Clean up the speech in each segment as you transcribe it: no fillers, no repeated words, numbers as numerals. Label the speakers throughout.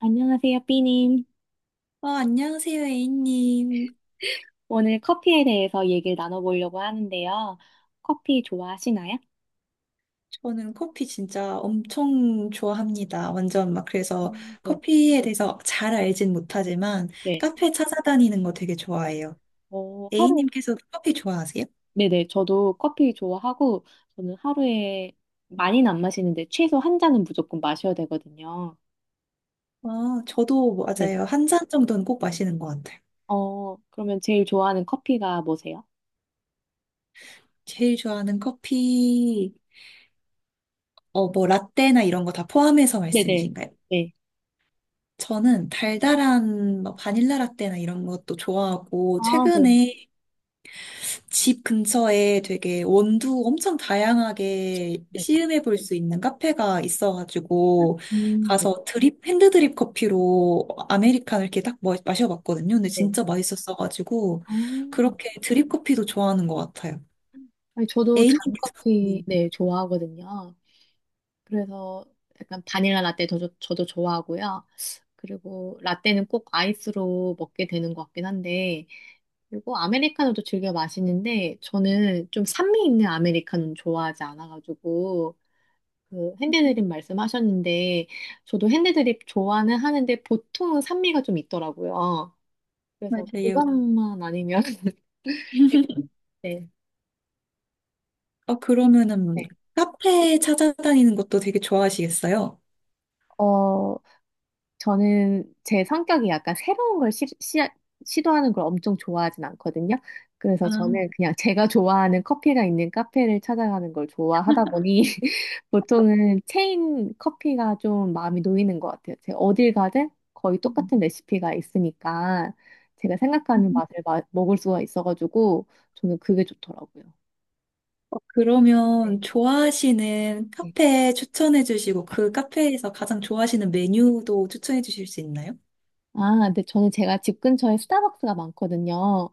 Speaker 1: 안녕하세요, 삐님.
Speaker 2: 아, 안녕하세요, A님.
Speaker 1: 오늘 커피에 대해서 얘기를 나눠보려고 하는데요. 커피 좋아하시나요?
Speaker 2: 저는 커피 진짜 엄청 좋아합니다. 완전 막 그래서
Speaker 1: 네.
Speaker 2: 커피에 대해서 잘 알진 못하지만
Speaker 1: 네.
Speaker 2: 카페 찾아다니는 거 되게 좋아해요.
Speaker 1: 하루,
Speaker 2: A님께서 커피 좋아하세요?
Speaker 1: 네네. 저도 커피 좋아하고, 저는 하루에 많이는 안 마시는데, 최소 한 잔은 무조건 마셔야 되거든요.
Speaker 2: 아, 저도
Speaker 1: 네.
Speaker 2: 맞아요. 한 잔 정도는 꼭 마시는 것 같아요.
Speaker 1: 그러면 제일 좋아하는 커피가 뭐세요?
Speaker 2: 제일 좋아하는 커피, 뭐 라떼나 이런 거 다 포함해서
Speaker 1: 네네.
Speaker 2: 말씀이신가요?
Speaker 1: 네.
Speaker 2: 저는 달달한 뭐 바닐라 라떼나 이런 것도 좋아하고
Speaker 1: 아, 네.
Speaker 2: 최근에 집 근처에 되게 원두 엄청 다양하게
Speaker 1: 네.
Speaker 2: 시음해 볼 수 있는 카페가 있어가지고
Speaker 1: 네.
Speaker 2: 가서 드립 핸드 드립 커피로 아메리카노 이렇게 딱 마셔봤거든요. 근데
Speaker 1: 네.
Speaker 2: 진짜 맛있었어가지고
Speaker 1: 어,
Speaker 2: 그렇게 드립 커피도 좋아하는 것 같아요.
Speaker 1: 아니, 저도
Speaker 2: A님께서
Speaker 1: 단커피,
Speaker 2: 네,
Speaker 1: 네, 좋아하거든요. 그래서 약간 바닐라 라떼 저도 좋아하고요. 그리고 라떼는 꼭 아이스로 먹게 되는 것 같긴 한데, 그리고 아메리카노도 즐겨 마시는데, 저는 좀 산미 있는 아메리카노는 좋아하지 않아가지고, 그 핸드드립 말씀하셨는데, 저도 핸드드립 좋아는 하는데, 보통은 산미가 좀 있더라고요. 그래서
Speaker 2: 맞아요.
Speaker 1: 그것만 아니면, 네.
Speaker 2: 어, 그러면은
Speaker 1: 네.
Speaker 2: 카페 찾아다니는 것도 되게 좋아하시겠어요?
Speaker 1: 어, 저는 제 성격이 약간 새로운 걸 시도하는 걸 엄청 좋아하진 않거든요. 그래서
Speaker 2: 아,
Speaker 1: 저는 그냥 제가 좋아하는 커피가 있는 카페를 찾아가는 걸 좋아하다 보니 보통은 체인 커피가 좀 마음이 놓이는 것 같아요. 제가 어딜 가든 거의
Speaker 2: 음.
Speaker 1: 똑같은 레시피가 있으니까 제가 생각하는 맛을 먹을 수가 있어가지고 저는 그게 좋더라고요. 네.
Speaker 2: 그러면 좋아하시는
Speaker 1: 네.
Speaker 2: 카페 추천해 주시고 그 카페에서 가장 좋아하시는 메뉴도 추천해 주실 수 있나요?
Speaker 1: 아, 근데 저는 제가 집 근처에 스타벅스가 많거든요.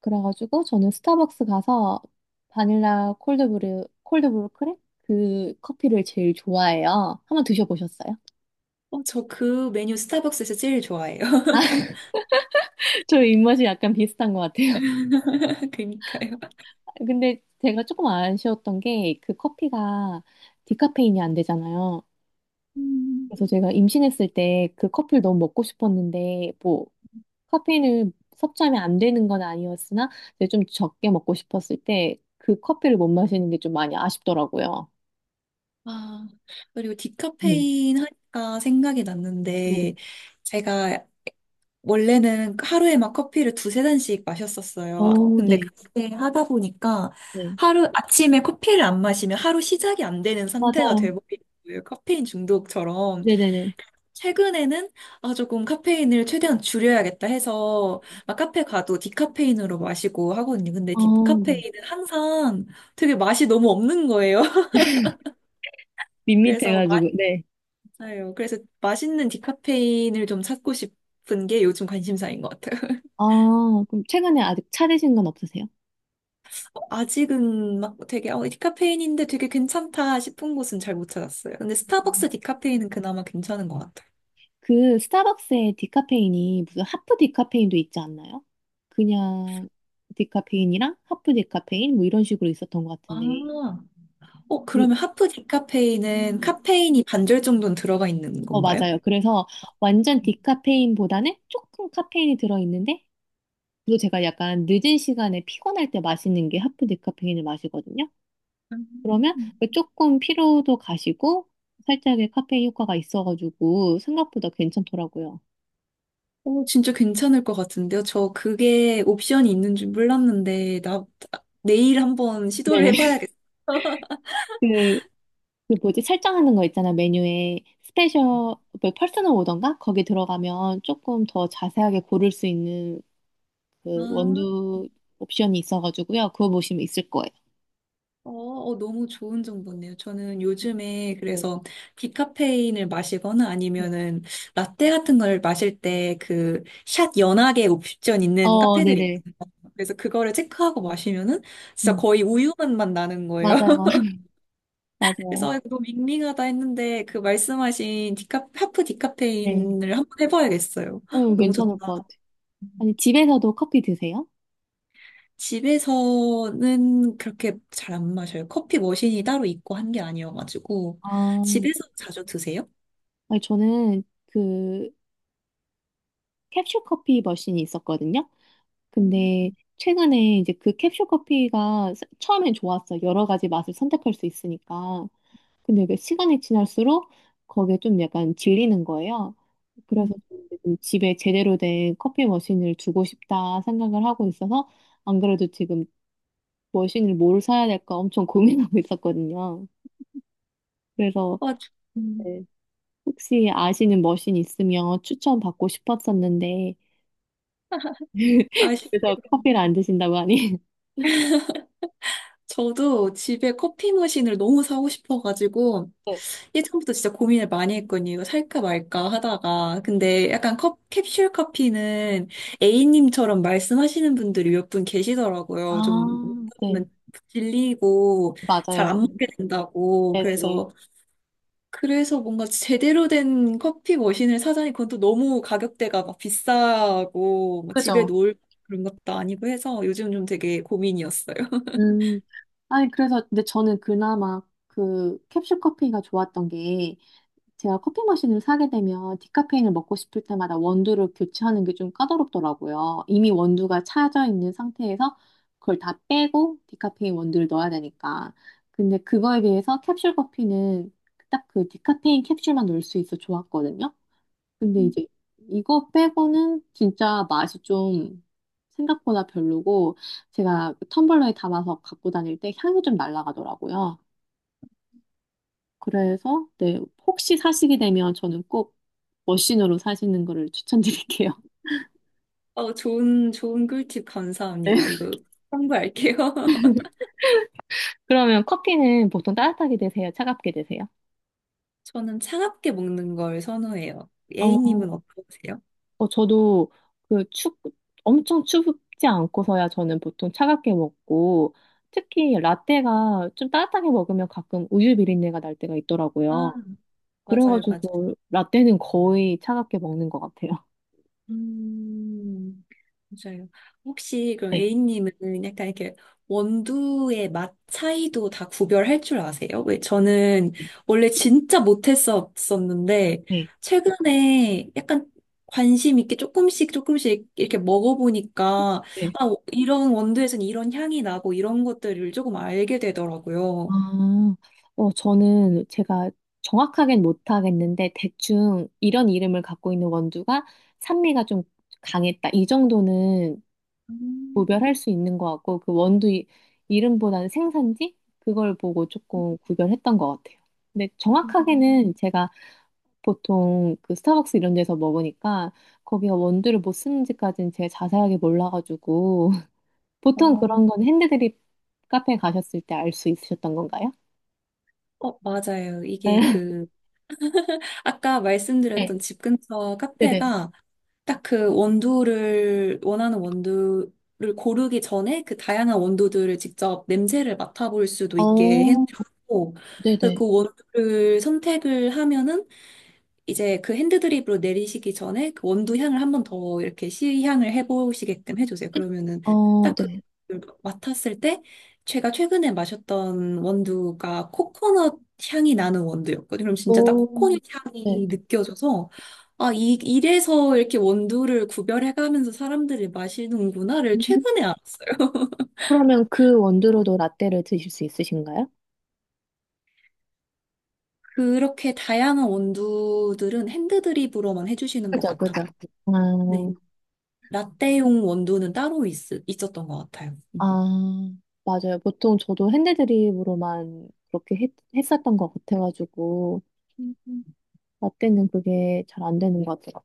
Speaker 1: 그래가지고 저는 스타벅스 가서 바닐라 콜드브루, 콜드브루 크랩? 그 커피를 제일 좋아해요. 한번 드셔보셨어요?
Speaker 2: 어, 저 그 메뉴 스타벅스에서 제일 좋아해요.
Speaker 1: 저희 입맛이 약간 비슷한 것 같아요.
Speaker 2: 그러니까요.
Speaker 1: 근데 제가 조금 아쉬웠던 게 그 커피가 디카페인이 안 되잖아요.
Speaker 2: 음,
Speaker 1: 그래서 제가 임신했을 때 그 커피를 너무 먹고 싶었는데 뭐 카페인을 섭취하면 안 되는 건 아니었으나 이제 좀 적게 먹고 싶었을 때 그 커피를 못 마시는 게 좀 많이 아쉽더라고요.
Speaker 2: 아, 그리고
Speaker 1: 네.
Speaker 2: 디카페인 하니까 생각이
Speaker 1: 네.
Speaker 2: 났는데, 제가 원래는 하루에 막 커피를 두세 잔씩 마셨었어요.
Speaker 1: 어,
Speaker 2: 근데
Speaker 1: 네.
Speaker 2: 그렇게 하다 보니까
Speaker 1: 네.
Speaker 2: 하루, 아침에 커피를 안 마시면 하루 시작이 안 되는 상태가
Speaker 1: 맞아요.
Speaker 2: 돼버리는 거예요. 카페인 중독처럼.
Speaker 1: 네네네.
Speaker 2: 최근에는 아 조금 카페인을 최대한 줄여야겠다 해서 막 카페 가도 디카페인으로 마시고 하거든요. 근데
Speaker 1: 아, 네. 네.
Speaker 2: 디카페인은 항상 되게 맛이 너무 없는 거예요. 그래서
Speaker 1: 밋밋해가지고, 네.
Speaker 2: 맞아요. 그래서 맛있는 디카페인을 좀 찾고 싶은 게 요즘 관심사인 것 같아요.
Speaker 1: 아, 그럼 최근에 아직 차 드신 건 없으세요?
Speaker 2: 아직은 막 되게 디카페인인데 되게 괜찮다 싶은 곳은 잘 못 찾았어요. 근데
Speaker 1: 음.
Speaker 2: 스타벅스 디카페인은 그나마 괜찮은 것 같아요.
Speaker 1: 그 스타벅스의 디카페인이 무슨 하프 디카페인도 있지 않나요? 그냥 디카페인이랑 하프 디카페인 뭐 이런 식으로 있었던 것
Speaker 2: 아,
Speaker 1: 같은데.
Speaker 2: 어,
Speaker 1: 그-
Speaker 2: 그러면 하프 디카페인은
Speaker 1: 네.
Speaker 2: 카페인이 반절 정도는 들어가 있는 건가요?
Speaker 1: 맞아요. 그래서 완전 디카페인보다는 조금 카페인이 들어있는데, 또 제가 약간 늦은 시간에 피곤할 때 마시는 게 하프 디카페인을 마시거든요. 그러면
Speaker 2: 음.
Speaker 1: 그 조금 피로도 가시고 살짝의 카페인 효과가 있어가지고 생각보다 괜찮더라고요.
Speaker 2: 오, 진짜 괜찮을 것 같은데요? 저 그게 옵션이 있는 줄 몰랐는데, 나, 내일 한번 시도를
Speaker 1: 네네.
Speaker 2: 해봐야겠어요.
Speaker 1: 그, 그 뭐지? 설정하는 거 있잖아. 메뉴에 스페셜, 뭐 퍼스널 오던가? 거기 들어가면 조금 더 자세하게 고를 수 있는 그
Speaker 2: 아,
Speaker 1: 원두 옵션이 있어가지고요. 그거 보시면 있을 거예요.
Speaker 2: 어, 어, 너무 좋은 정보네요. 저는
Speaker 1: 네.
Speaker 2: 요즘에
Speaker 1: 네.
Speaker 2: 그래서 디카페인을 마시거나
Speaker 1: 네.
Speaker 2: 아니면은 라떼 같은 걸 마실 때 그 샷 연하게 옵션 있는
Speaker 1: 어,
Speaker 2: 카페들이
Speaker 1: 네네.
Speaker 2: 있어요. 그래서 그거를 체크하고 마시면은 진짜
Speaker 1: 음,
Speaker 2: 거의 우유 맛만 나는 거예요.
Speaker 1: 맞아요. 맞아요.
Speaker 2: 그래서 이거 너무 밍밍하다 했는데 그 말씀하신 디카, 하프
Speaker 1: 네.
Speaker 2: 디카페인을 한번 해봐야겠어요. 헉, 너무
Speaker 1: 괜찮을
Speaker 2: 좋다.
Speaker 1: 것 같아요. 아니, 집에서도 커피 드세요?
Speaker 2: 집에서는 그렇게 잘 안 마셔요. 커피 머신이 따로 있고 한 게 아니어가지고
Speaker 1: 아,
Speaker 2: 집에서 자주 드세요?
Speaker 1: 아니, 저는 그 캡슐 커피 머신이 있었거든요.
Speaker 2: 음,
Speaker 1: 근데 최근에 이제 그 캡슐 커피가 처음엔 좋았어요. 여러 가지 맛을 선택할 수 있으니까. 근데 이게 시간이 지날수록 거기에 좀 약간 질리는 거예요.
Speaker 2: 음.
Speaker 1: 그래서 좀 이제 좀 집에 제대로 된 커피 머신을 두고 싶다 생각을 하고 있어서 안 그래도 지금 머신을 뭘 사야 될까 엄청 고민하고 있었거든요. 그래서
Speaker 2: 아, 저- 음,
Speaker 1: 네, 혹시 아시는 머신 있으면 추천 받고 싶었었는데
Speaker 2: 아쉽게도
Speaker 1: 그래서 커피를 안 드신다고 하니
Speaker 2: 저도 집에 커피 머신을 너무 사고 싶어가지고 예전부터 진짜 고민을 많이 했거든요. 이거 살까 말까 하다가. 근데 약간 컵, 캡슐 커피는 A님처럼 말씀하시는 분들이 몇 분 계시더라고요.
Speaker 1: 아,
Speaker 2: 좀
Speaker 1: 네.
Speaker 2: 먹으면 질리고 잘
Speaker 1: 맞아요.
Speaker 2: 안 먹게 된다고.
Speaker 1: 네네네.
Speaker 2: 그래서, 그래서 뭔가 제대로 된 커피 머신을 사자니 그건 또 너무 가격대가 막 비싸고 뭐 집에
Speaker 1: 그죠?
Speaker 2: 놓을 그런 것도 아니고 해서 요즘 좀 되게 고민이었어요.
Speaker 1: 음. 아니, 그래서, 근데 저는 그나마 그 캡슐 커피가 좋았던 게 제가 커피 머신을 사게 되면 디카페인을 먹고 싶을 때마다 원두를 교체하는 게 좀 까다롭더라고요. 이미 원두가 차져 있는 상태에서 그걸 다 빼고 디카페인 원두를 넣어야 되니까. 근데 그거에 비해서 캡슐 커피는 딱 그 디카페인 캡슐만 넣을 수 있어 좋았거든요. 근데 이제 이거 빼고는 진짜 맛이 좀 생각보다 별로고 제가 그 텀블러에 담아서 갖고 다닐 때 향이 좀 날아가더라고요. 그래서 네, 혹시 사시게 되면 저는 꼭 머신으로 사시는 거를 추천드릴게요.
Speaker 2: 어, 좋은, 좋은 꿀팁
Speaker 1: 네.
Speaker 2: 감사합니다. 이거 참고할게요.
Speaker 1: 그러면 커피는 보통 따뜻하게 드세요? 차갑게 드세요?
Speaker 2: 저는 차갑게 먹는 걸 선호해요.
Speaker 1: 어,
Speaker 2: A님은 어떠세요?
Speaker 1: 저도 그 추, 엄청 추지 않고서야 저는 보통 차갑게 먹고, 특히 라떼가 좀 따뜻하게 먹으면 가끔 우유 비린내가 날 때가
Speaker 2: 아,
Speaker 1: 있더라고요.
Speaker 2: 맞아요, 맞아요.
Speaker 1: 그래가지고 라떼는 거의 차갑게 먹는 것 같아요.
Speaker 2: 음, 맞아요. 혹시 그럼
Speaker 1: 네.
Speaker 2: A님은 약간 이렇게 원두의 맛 차이도 다 구별할 줄 아세요? 왜 저는
Speaker 1: 네,
Speaker 2: 원래 진짜 못했었었는데
Speaker 1: 네,
Speaker 2: 최근에 약간 관심 있게 조금씩 조금씩 이렇게 먹어보니까
Speaker 1: 네, 네.
Speaker 2: 아, 이런 원두에서는 이런 향이 나고 이런 것들을 조금 알게 되더라고요.
Speaker 1: 아, 저는 제가 정확하게는 못하겠는데, 대충 이런 이름을 갖고 있는 원두가 산미가 좀 강했다. 이 정도는
Speaker 2: 음,
Speaker 1: 구별할 수 있는 것 같고 그 원두 이름보다는 생산지 그걸 보고 조금 구별했던 것 같아요. 근데 정확하게는 제가 보통 그 스타벅스 이런 데서 먹으니까 거기가 원두를 뭐 쓰는지까지는 제가 자세하게 몰라가지고 보통
Speaker 2: 어,
Speaker 1: 그런 건 핸드드립 카페 가셨을 때 알 수 있으셨던 건가요?
Speaker 2: 어, 맞아요. 이게
Speaker 1: 네,
Speaker 2: 그, 아까
Speaker 1: 네,
Speaker 2: 말씀드렸던 집 근처
Speaker 1: 네네.
Speaker 2: 카페가 딱 그 원두를, 원하는 원두를 고르기 전에 그 다양한 원두들을 직접 냄새를 맡아볼 수도 있게
Speaker 1: 어,
Speaker 2: 해놓고, 그
Speaker 1: 네네.
Speaker 2: 원두를 선택을 하면은 이제 그 핸드 드립으로 내리시기 전에 그 원두 향을 한번 더 이렇게 시향을 해보시게끔 해주세요. 그러면은
Speaker 1: 어,
Speaker 2: 딱 그
Speaker 1: 네.
Speaker 2: 맡았을 때 제가 최근에 마셨던 원두가 코코넛 향이 나는 원두였거든요. 그럼 진짜 딱
Speaker 1: 오,
Speaker 2: 코코넛
Speaker 1: 네.
Speaker 2: 향이 느껴져서 아, 이래서 이렇게 원두를 구별해가면서 사람들이 마시는구나를
Speaker 1: 음.
Speaker 2: 최근에 알았어요.
Speaker 1: 그러면 그 원두로도 라떼를 드실 수 있으신가요?
Speaker 2: 그렇게 다양한 원두들은 핸드 드립으로만 해주시는 것
Speaker 1: 그죠,
Speaker 2: 같았고.
Speaker 1: 그죠. 아,
Speaker 2: 네. 라떼용 원두는 따로 있었던 것 같아요.
Speaker 1: 아,
Speaker 2: 음.
Speaker 1: 맞아요. 보통 저도 핸드드립으로만 그렇게 했었던 것 같아가지고,
Speaker 2: 음.
Speaker 1: 라떼는 그게 잘 안 되는 것 같아요.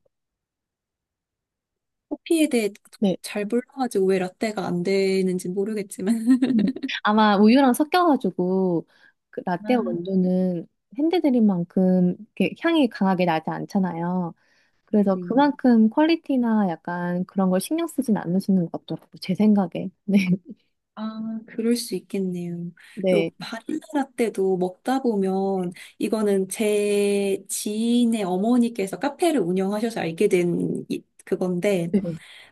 Speaker 2: 커피에 대해
Speaker 1: 네.
Speaker 2: 잘 몰라가지고 왜 라떼가 안 되는지 모르겠지만.
Speaker 1: 음. 아마 우유랑 섞여가지고, 그 라떼
Speaker 2: 아,
Speaker 1: 원두는 핸드드립만큼 이렇게 향이 강하게 나지 않잖아요. 그래서
Speaker 2: 네네.
Speaker 1: 그만큼 퀄리티나 약간 그런 걸 신경 쓰진 않으시는 것 같더라고요. 제 생각에.
Speaker 2: 아, 그럴 수 있겠네요.
Speaker 1: 네.
Speaker 2: 그리고
Speaker 1: 네.
Speaker 2: 바닐라 라떼도 먹다 보면 이거는 제 지인의 어머니께서 카페를 운영하셔서 알게 된 그건데
Speaker 1: 네.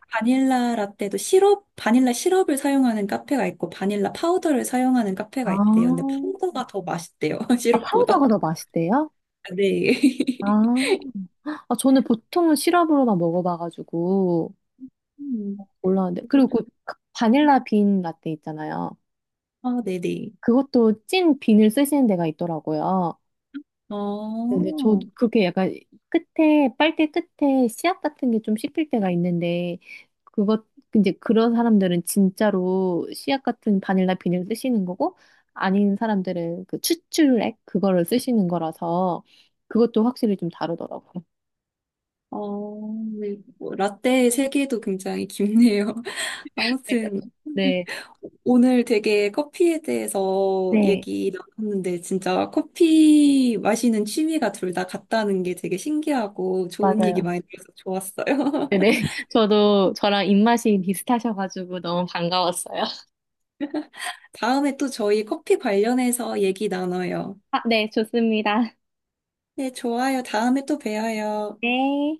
Speaker 2: 바닐라 라떼도 시럽, 바닐라 시럽을 사용하는 카페가 있고 바닐라 파우더를 사용하는 카페가 있대요. 근데
Speaker 1: 아,
Speaker 2: 파우더가 더 맛있대요.
Speaker 1: 아,
Speaker 2: 시럽보다.
Speaker 1: 파우더가 더 맛있대요?
Speaker 2: 네.
Speaker 1: 아. 아, 저는 보통은 시럽으로만 먹어봐가지고
Speaker 2: 음.
Speaker 1: 몰랐는데 그리고 그 바닐라 빈 라떼 있잖아요.
Speaker 2: 아, 네네.
Speaker 1: 그것도 찐 빈을 쓰시는 데가 있더라고요.
Speaker 2: 어,
Speaker 1: 근데 저도 그게 약간 끝에 빨대 끝에 씨앗 같은 게 좀 씹힐 때가 있는데 그것 이제 그런 사람들은 진짜로 씨앗 같은 바닐라 빈을 쓰시는 거고 아닌 사람들은 그 추출액 그거를 쓰시는 거라서 그것도 확실히 좀 다르더라고요.
Speaker 2: 어, 네. 뭐, 라떼의 세계도 굉장히 깊네요. 아무튼,
Speaker 1: 네,
Speaker 2: 오늘 되게 커피에 대해서
Speaker 1: 네,
Speaker 2: 얘기 나눴는데, 진짜 커피 마시는 취미가 둘 다 같다는 게 되게 신기하고 좋은 얘기
Speaker 1: 맞아요.
Speaker 2: 많이 들어서 좋았어요.
Speaker 1: 네네. 저도 저랑 입맛이 비슷하셔가지고 너무 반가웠어요.
Speaker 2: 다음에 또 저희 커피 관련해서 얘기 나눠요.
Speaker 1: 아, 네, 좋습니다.
Speaker 2: 네, 좋아요. 다음에 또 봬요.
Speaker 1: 네.